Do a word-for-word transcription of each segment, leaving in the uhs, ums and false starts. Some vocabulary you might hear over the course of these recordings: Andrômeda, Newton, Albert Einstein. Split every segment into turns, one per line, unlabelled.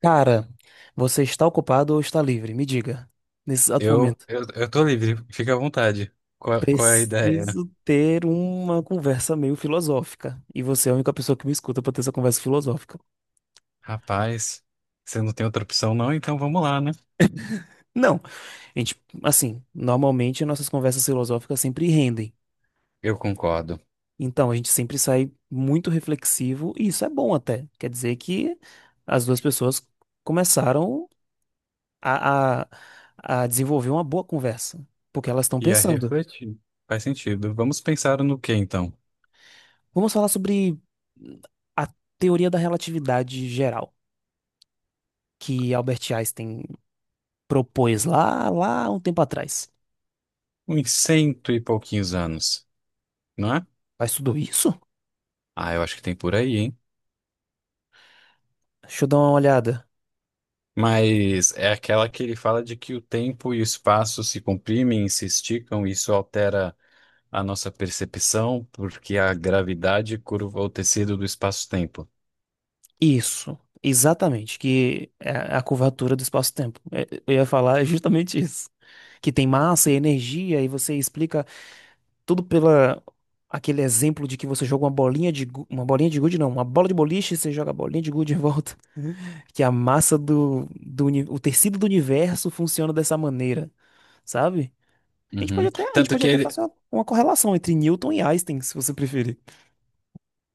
Cara, você está ocupado ou está livre? Me diga, nesse exato
Eu,
momento.
eu, eu tô livre, fica à vontade. Qual, qual é a ideia?
Preciso ter uma conversa meio filosófica. E você é a única pessoa que me escuta para ter essa conversa filosófica.
Rapaz, você não tem outra opção não, então vamos lá, né?
Não, a gente, assim, normalmente nossas conversas filosóficas sempre rendem.
Eu concordo.
Então, a gente sempre sai muito reflexivo, e isso é bom até. Quer dizer que as duas pessoas começaram a, a, a desenvolver uma boa conversa, porque elas estão
E a
pensando.
refletir. Faz sentido. Vamos pensar no que então?
Vamos falar sobre a teoria da relatividade geral que Albert Einstein propôs lá, lá um tempo atrás.
Uns cento e pouquinhos anos, não é?
Faz tudo isso?
Ah, eu acho que tem por aí, hein?
Deixa eu dar uma olhada.
Mas é aquela que ele fala de que o tempo e o espaço se comprimem, se esticam, e isso altera a nossa percepção, porque a gravidade curva o tecido do espaço-tempo.
Isso, exatamente, que é a curvatura do espaço-tempo. É, eu ia falar justamente isso. Que tem massa e energia, e você explica tudo pela aquele exemplo de que você joga uma bolinha de gu- uma bolinha de gude, não, uma bola de boliche, você joga a bolinha de gude em volta. Que a massa do, do uni- o tecido do universo funciona dessa maneira, sabe? A gente pode
Uhum.
até, a gente
Tanto
pode
que
até
ele,
fazer uma, uma correlação entre Newton e Einstein, se você preferir.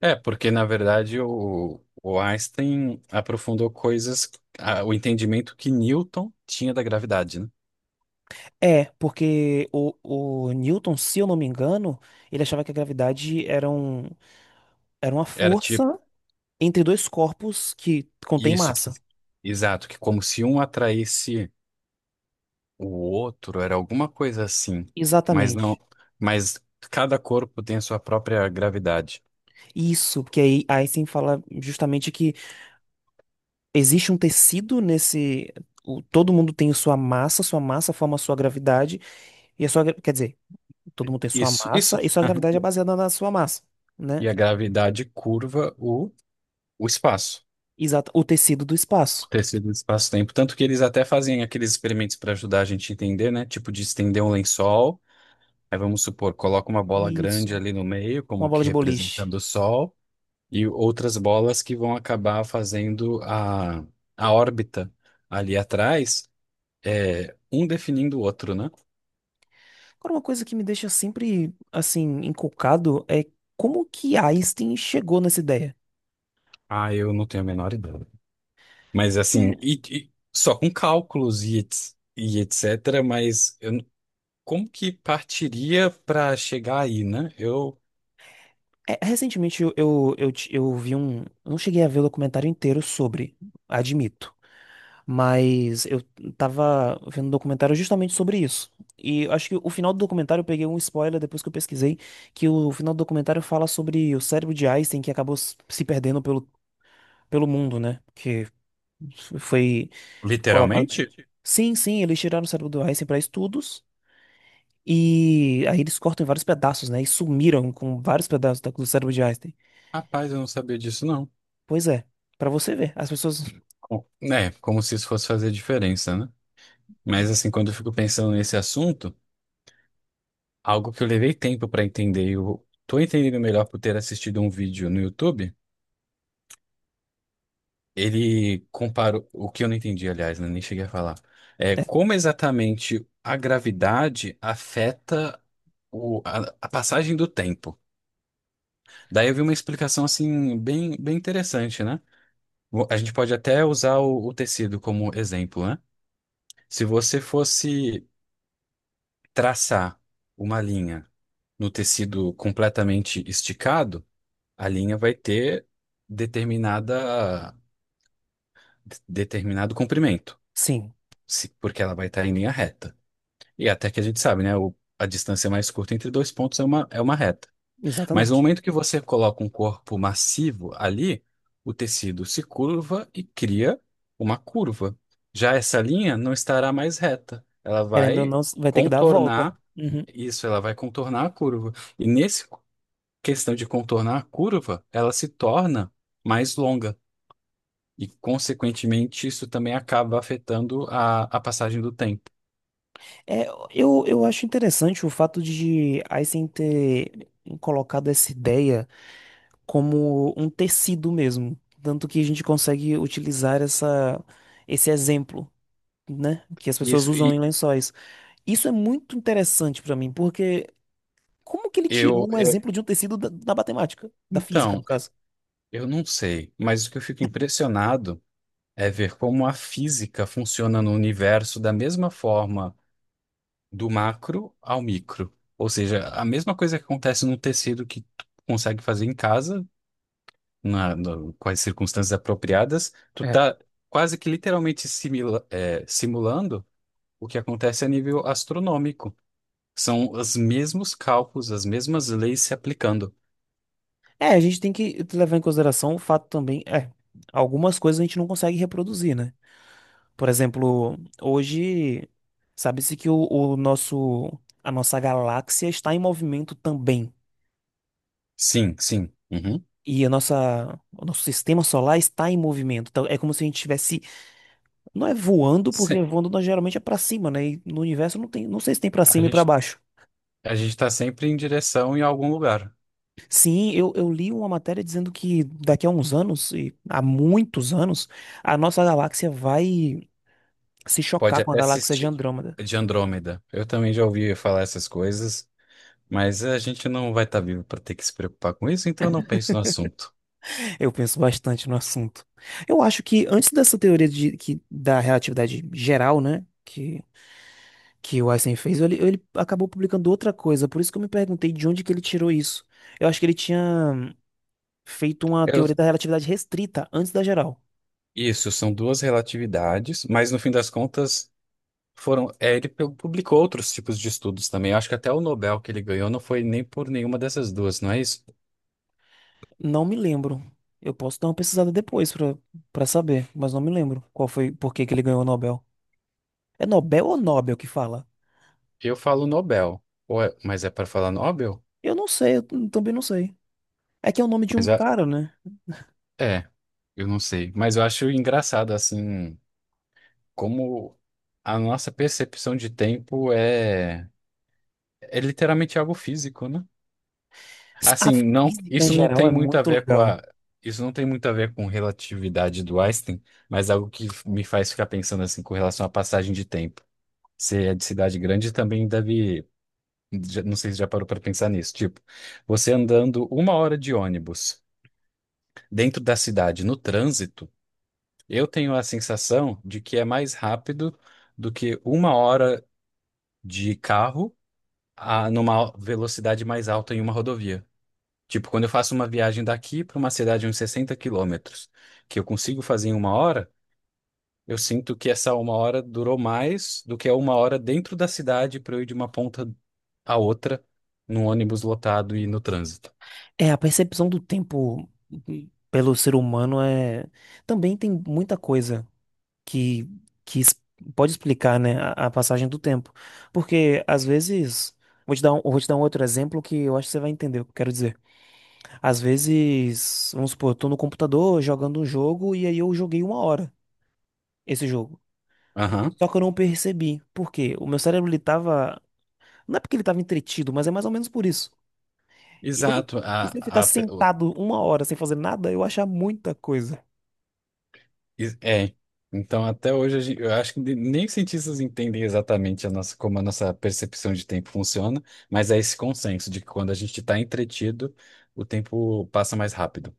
é, porque na verdade o, o Einstein aprofundou coisas, a- o entendimento que Newton tinha da gravidade, né?
É, porque o, o Newton, se eu não me engano, ele achava que a gravidade era, um, era uma
Era tipo
força entre dois corpos que contém
isso que,
massa.
exato, que como se um atraísse o outro, era alguma coisa assim, mas
Exatamente.
não, mas cada corpo tem a sua própria gravidade.
Isso, porque aí Einstein fala justamente que existe um tecido nesse. O- todo mundo tem sua massa, sua massa forma a sua gravidade, e a sua, gra- quer dizer, todo mundo tem sua
Isso,
massa
isso.
e sua
Aham.
gravidade é baseada na sua massa, né?
E a gravidade curva o, o espaço.
Exato. O tecido do
O
espaço.
tecido do espaço-tempo. Tanto que eles até fazem aqueles experimentos para ajudar a gente a entender, né? Tipo de estender um lençol. Aí vamos supor, coloca uma bola grande
Isso.
ali no meio,
Uma
como
bola
que
de boliche.
representando o Sol, e outras bolas que vão acabar fazendo a, a órbita ali atrás, é, um definindo o outro, né?
Agora, uma coisa que me deixa sempre, assim, encucado é como que Einstein chegou nessa ideia.
Ah, eu não tenho a menor ideia. Mas
Porque,
assim, e- e só com cálculos e, ets- e etcétera, mas eu n- como que partiria para chegar aí, né? Eu,
é, recentemente eu, eu, eu, ti- eu vi um. Eu não cheguei a ver o documentário inteiro sobre, admito. Mas eu tava vendo um documentário justamente sobre isso. E acho que o final do documentário eu peguei um spoiler depois que eu pesquisei, que o final do documentário fala sobre o cérebro de Einstein que acabou s- se perdendo pelo, pelo mundo, né? Que f- foi colocado.
literalmente?
Sim, sim, eles tiraram o cérebro do Einstein para estudos e aí eles cortam em vários pedaços, né? E sumiram com vários pedaços da- do cérebro de Einstein.
Rapaz, eu não sabia disso, não.
Pois é, pra você ver, as pessoas.
Com- Né? Como se isso fosse fazer diferença, né? Mas assim, quando eu fico pensando nesse assunto, algo que eu levei tempo para entender, eu tô entendendo melhor por ter assistido um vídeo no YouTube. Ele comparou o que eu não entendi, aliás, né, nem cheguei a falar. É
É,
como exatamente a gravidade afeta o- a, a passagem do tempo. Daí eu vi uma explicação assim bem, bem interessante, né? Vo- A gente pode até usar o, o tecido como exemplo, né? Se você fosse traçar uma linha no tecido completamente esticado, a linha vai ter determinada, de- determinado comprimento,
sim.
se- porque ela vai estar em linha reta. E até que a gente sabe, né? O- a distância mais curta entre dois pontos é uma, é uma reta. Mas no
Exatamente.
momento que você coloca um corpo massivo ali, o tecido se curva e cria uma curva. Já essa linha não estará mais reta. Ela
Querendo ou
vai
não, vai ter que dar a volta.
contornar.
Uhum.
Isso, ela vai contornar a curva. E nesse questão de contornar a curva, ela se torna mais longa. E, consequentemente, isso também acaba afetando a, a passagem do tempo.
É, eu, eu acho interessante o fato de Einstein ter colocado essa ideia como um tecido mesmo. Tanto que a gente consegue utilizar essa, esse exemplo, né? Que as pessoas
Isso,
usam em
e
lençóis. Isso é muito interessante pra mim, porque como que ele
eu,
tirou um
eu,
exemplo de um tecido da, da matemática, da física, no
então,
caso?
eu não sei, mas o que eu fico impressionado é ver como a física funciona no universo da mesma forma do macro ao micro. Ou seja, a mesma coisa que acontece num tecido que tu consegue fazer em casa na, no- com as circunstâncias apropriadas, tu
É.
tá quase que literalmente simila- é, simulando o que acontece a nível astronômico. São os mesmos cálculos, as mesmas leis se aplicando.
É, a gente tem que levar em consideração o fato também, é, algumas coisas a gente não consegue reproduzir, né? Por exemplo, hoje sabe-se que o, o nosso a nossa galáxia está em movimento também.
Sim, sim. Uhum.
E a nossa, o nosso sistema solar está em movimento. Então é como se a gente estivesse, não é voando, porque
Se-
voando nós geralmente é para cima, né? E no universo não tem, não sei se tem para
a
cima e para
gente,
baixo.
a gente está sempre em direção em algum lugar.
Sim, eu, eu li uma matéria dizendo que daqui a uns anos, e há muitos anos, a nossa galáxia vai se
Pode
chocar com a
até
galáxia de
assistir
Andrômeda.
de Andrômeda. Eu também já ouvi falar essas coisas, mas a gente não vai estar vivo para ter que se preocupar com isso, então eu não penso no assunto.
Eu penso bastante no assunto. Eu acho que antes dessa teoria de, que, da relatividade geral, né, que, que o Einstein fez, ele, ele acabou publicando outra coisa. Por isso que eu me perguntei de onde que ele tirou isso. Eu acho que ele tinha feito uma
Eu-
teoria da relatividade restrita antes da geral.
isso, são duas relatividades, mas no fim das contas foram, é, ele pu- publicou outros tipos de estudos também. Eu acho que até o Nobel que ele ganhou não foi nem por nenhuma dessas duas, não é isso?
Não me lembro. Eu posso dar uma pesquisada depois pra para saber, mas não me lembro qual foi, por que que ele ganhou o Nobel. É Nobel ou Nobel que fala?
Eu falo Nobel, ou é- mas é para falar Nobel?
Eu não sei, eu também não sei. É que é o nome de um
Mas é,
cara, né?
é, eu não sei. Mas eu acho engraçado, assim, como a nossa percepção de tempo é, é literalmente algo físico, né?
Se- A
Assim, não,
física em
isso não
geral
tem
é
muito a
muito
ver com
legal.
a, isso não tem muito a ver com relatividade do Einstein, mas algo que me faz ficar pensando, assim, com relação à passagem de tempo. Você é de cidade grande e também deve. já- Não sei se já parou para pensar nisso. Tipo, você andando uma hora de ônibus dentro da cidade, no trânsito, eu tenho a sensação de que é mais rápido do que uma hora de carro a, numa velocidade mais alta em uma rodovia. Tipo, quando eu faço uma viagem daqui para uma cidade de uns sessenta quilômetros, que eu consigo fazer em uma hora. Eu sinto que essa uma hora durou mais do que a uma hora dentro da cidade para eu ir de uma ponta à outra num ônibus lotado e no trânsito.
É, a percepção do tempo uhum, pelo ser humano é. Também tem muita coisa que, que es- pode explicar, né, a, a passagem do tempo. Porque, às vezes. Vou te dar um, vou te dar um outro exemplo que eu acho que você vai entender o que eu quero dizer. Às vezes, vamos supor, eu tô no computador jogando um jogo e aí eu joguei uma hora esse jogo.
Aham.
Só que eu não percebi. Por quê? O meu cérebro, ele tava. Não é porque ele tava entretido, mas é mais ou menos por isso. E eu não-
Exato.
e
A,
se eu ficar
a, pe- o-
sentado uma hora sem fazer nada, eu vou achar muita coisa.
is- é. Então, até hoje, a gen- eu acho que nem os cientistas entendem exatamente a nossa, como a nossa percepção de tempo funciona, mas é esse consenso de que quando a gente está entretido, o tempo passa mais rápido.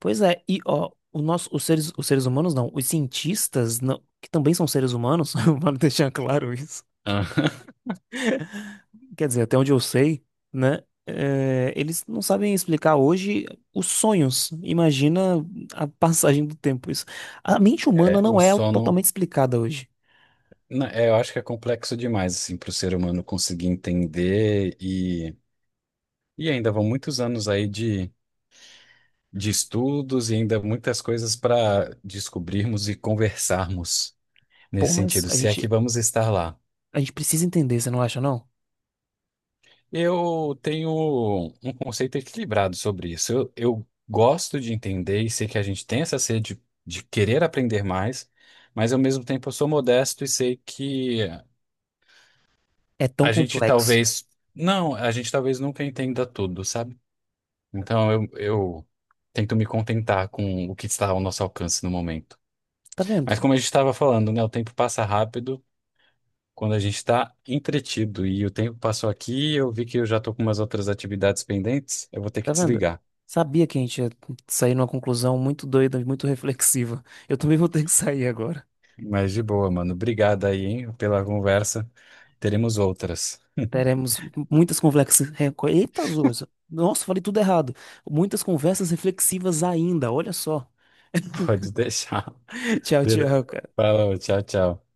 Pois é, e ó, o nosso, os seres, os seres humanos não, os cientistas, não, que também são seres humanos, vale deixar claro isso.
Aham.
Quer dizer, até onde eu sei, né? É, eles não sabem explicar hoje os sonhos. Imagina a passagem do tempo. Isso. A mente humana
É, o
não é
sono,
totalmente explicada hoje.
na- é, eu acho que é complexo demais assim, para o ser humano conseguir entender. E ainda vão muitos anos aí de, de estudos e ainda muitas coisas para descobrirmos e conversarmos
Pô,
nesse
mas
sentido,
a
se é que
gente,
vamos estar lá.
a gente precisa entender, você não acha, não?
Eu tenho um conceito equilibrado sobre isso. Eu, eu gosto de entender e sei que a gente tem essa sede de querer aprender mais, mas ao mesmo tempo eu sou modesto e sei que
É tão
a gente
complexo.
talvez, não, a gente talvez nunca entenda tudo, sabe? Então eu, eu tento me contentar com o que está ao nosso alcance no momento.
Tá vendo?
Mas como a gente estava falando, né? O tempo passa rápido quando a gente está entretido. E o tempo passou aqui, eu vi que eu já estou com umas outras atividades pendentes. Eu vou ter que
Tá vendo?
desligar.
Sabia que a gente ia sair numa conclusão muito doida, muito reflexiva. Eu também vou ter que sair agora.
Mas de boa, mano. Obrigado aí, hein, pela conversa. Teremos outras.
Teremos muitas conversas. Eita, Zoza. Nossa, falei tudo errado. Muitas conversas reflexivas ainda, olha só.
Pode deixar.
Tchau,
Beleza.
tchau, cara.
Falou, tchau, tchau.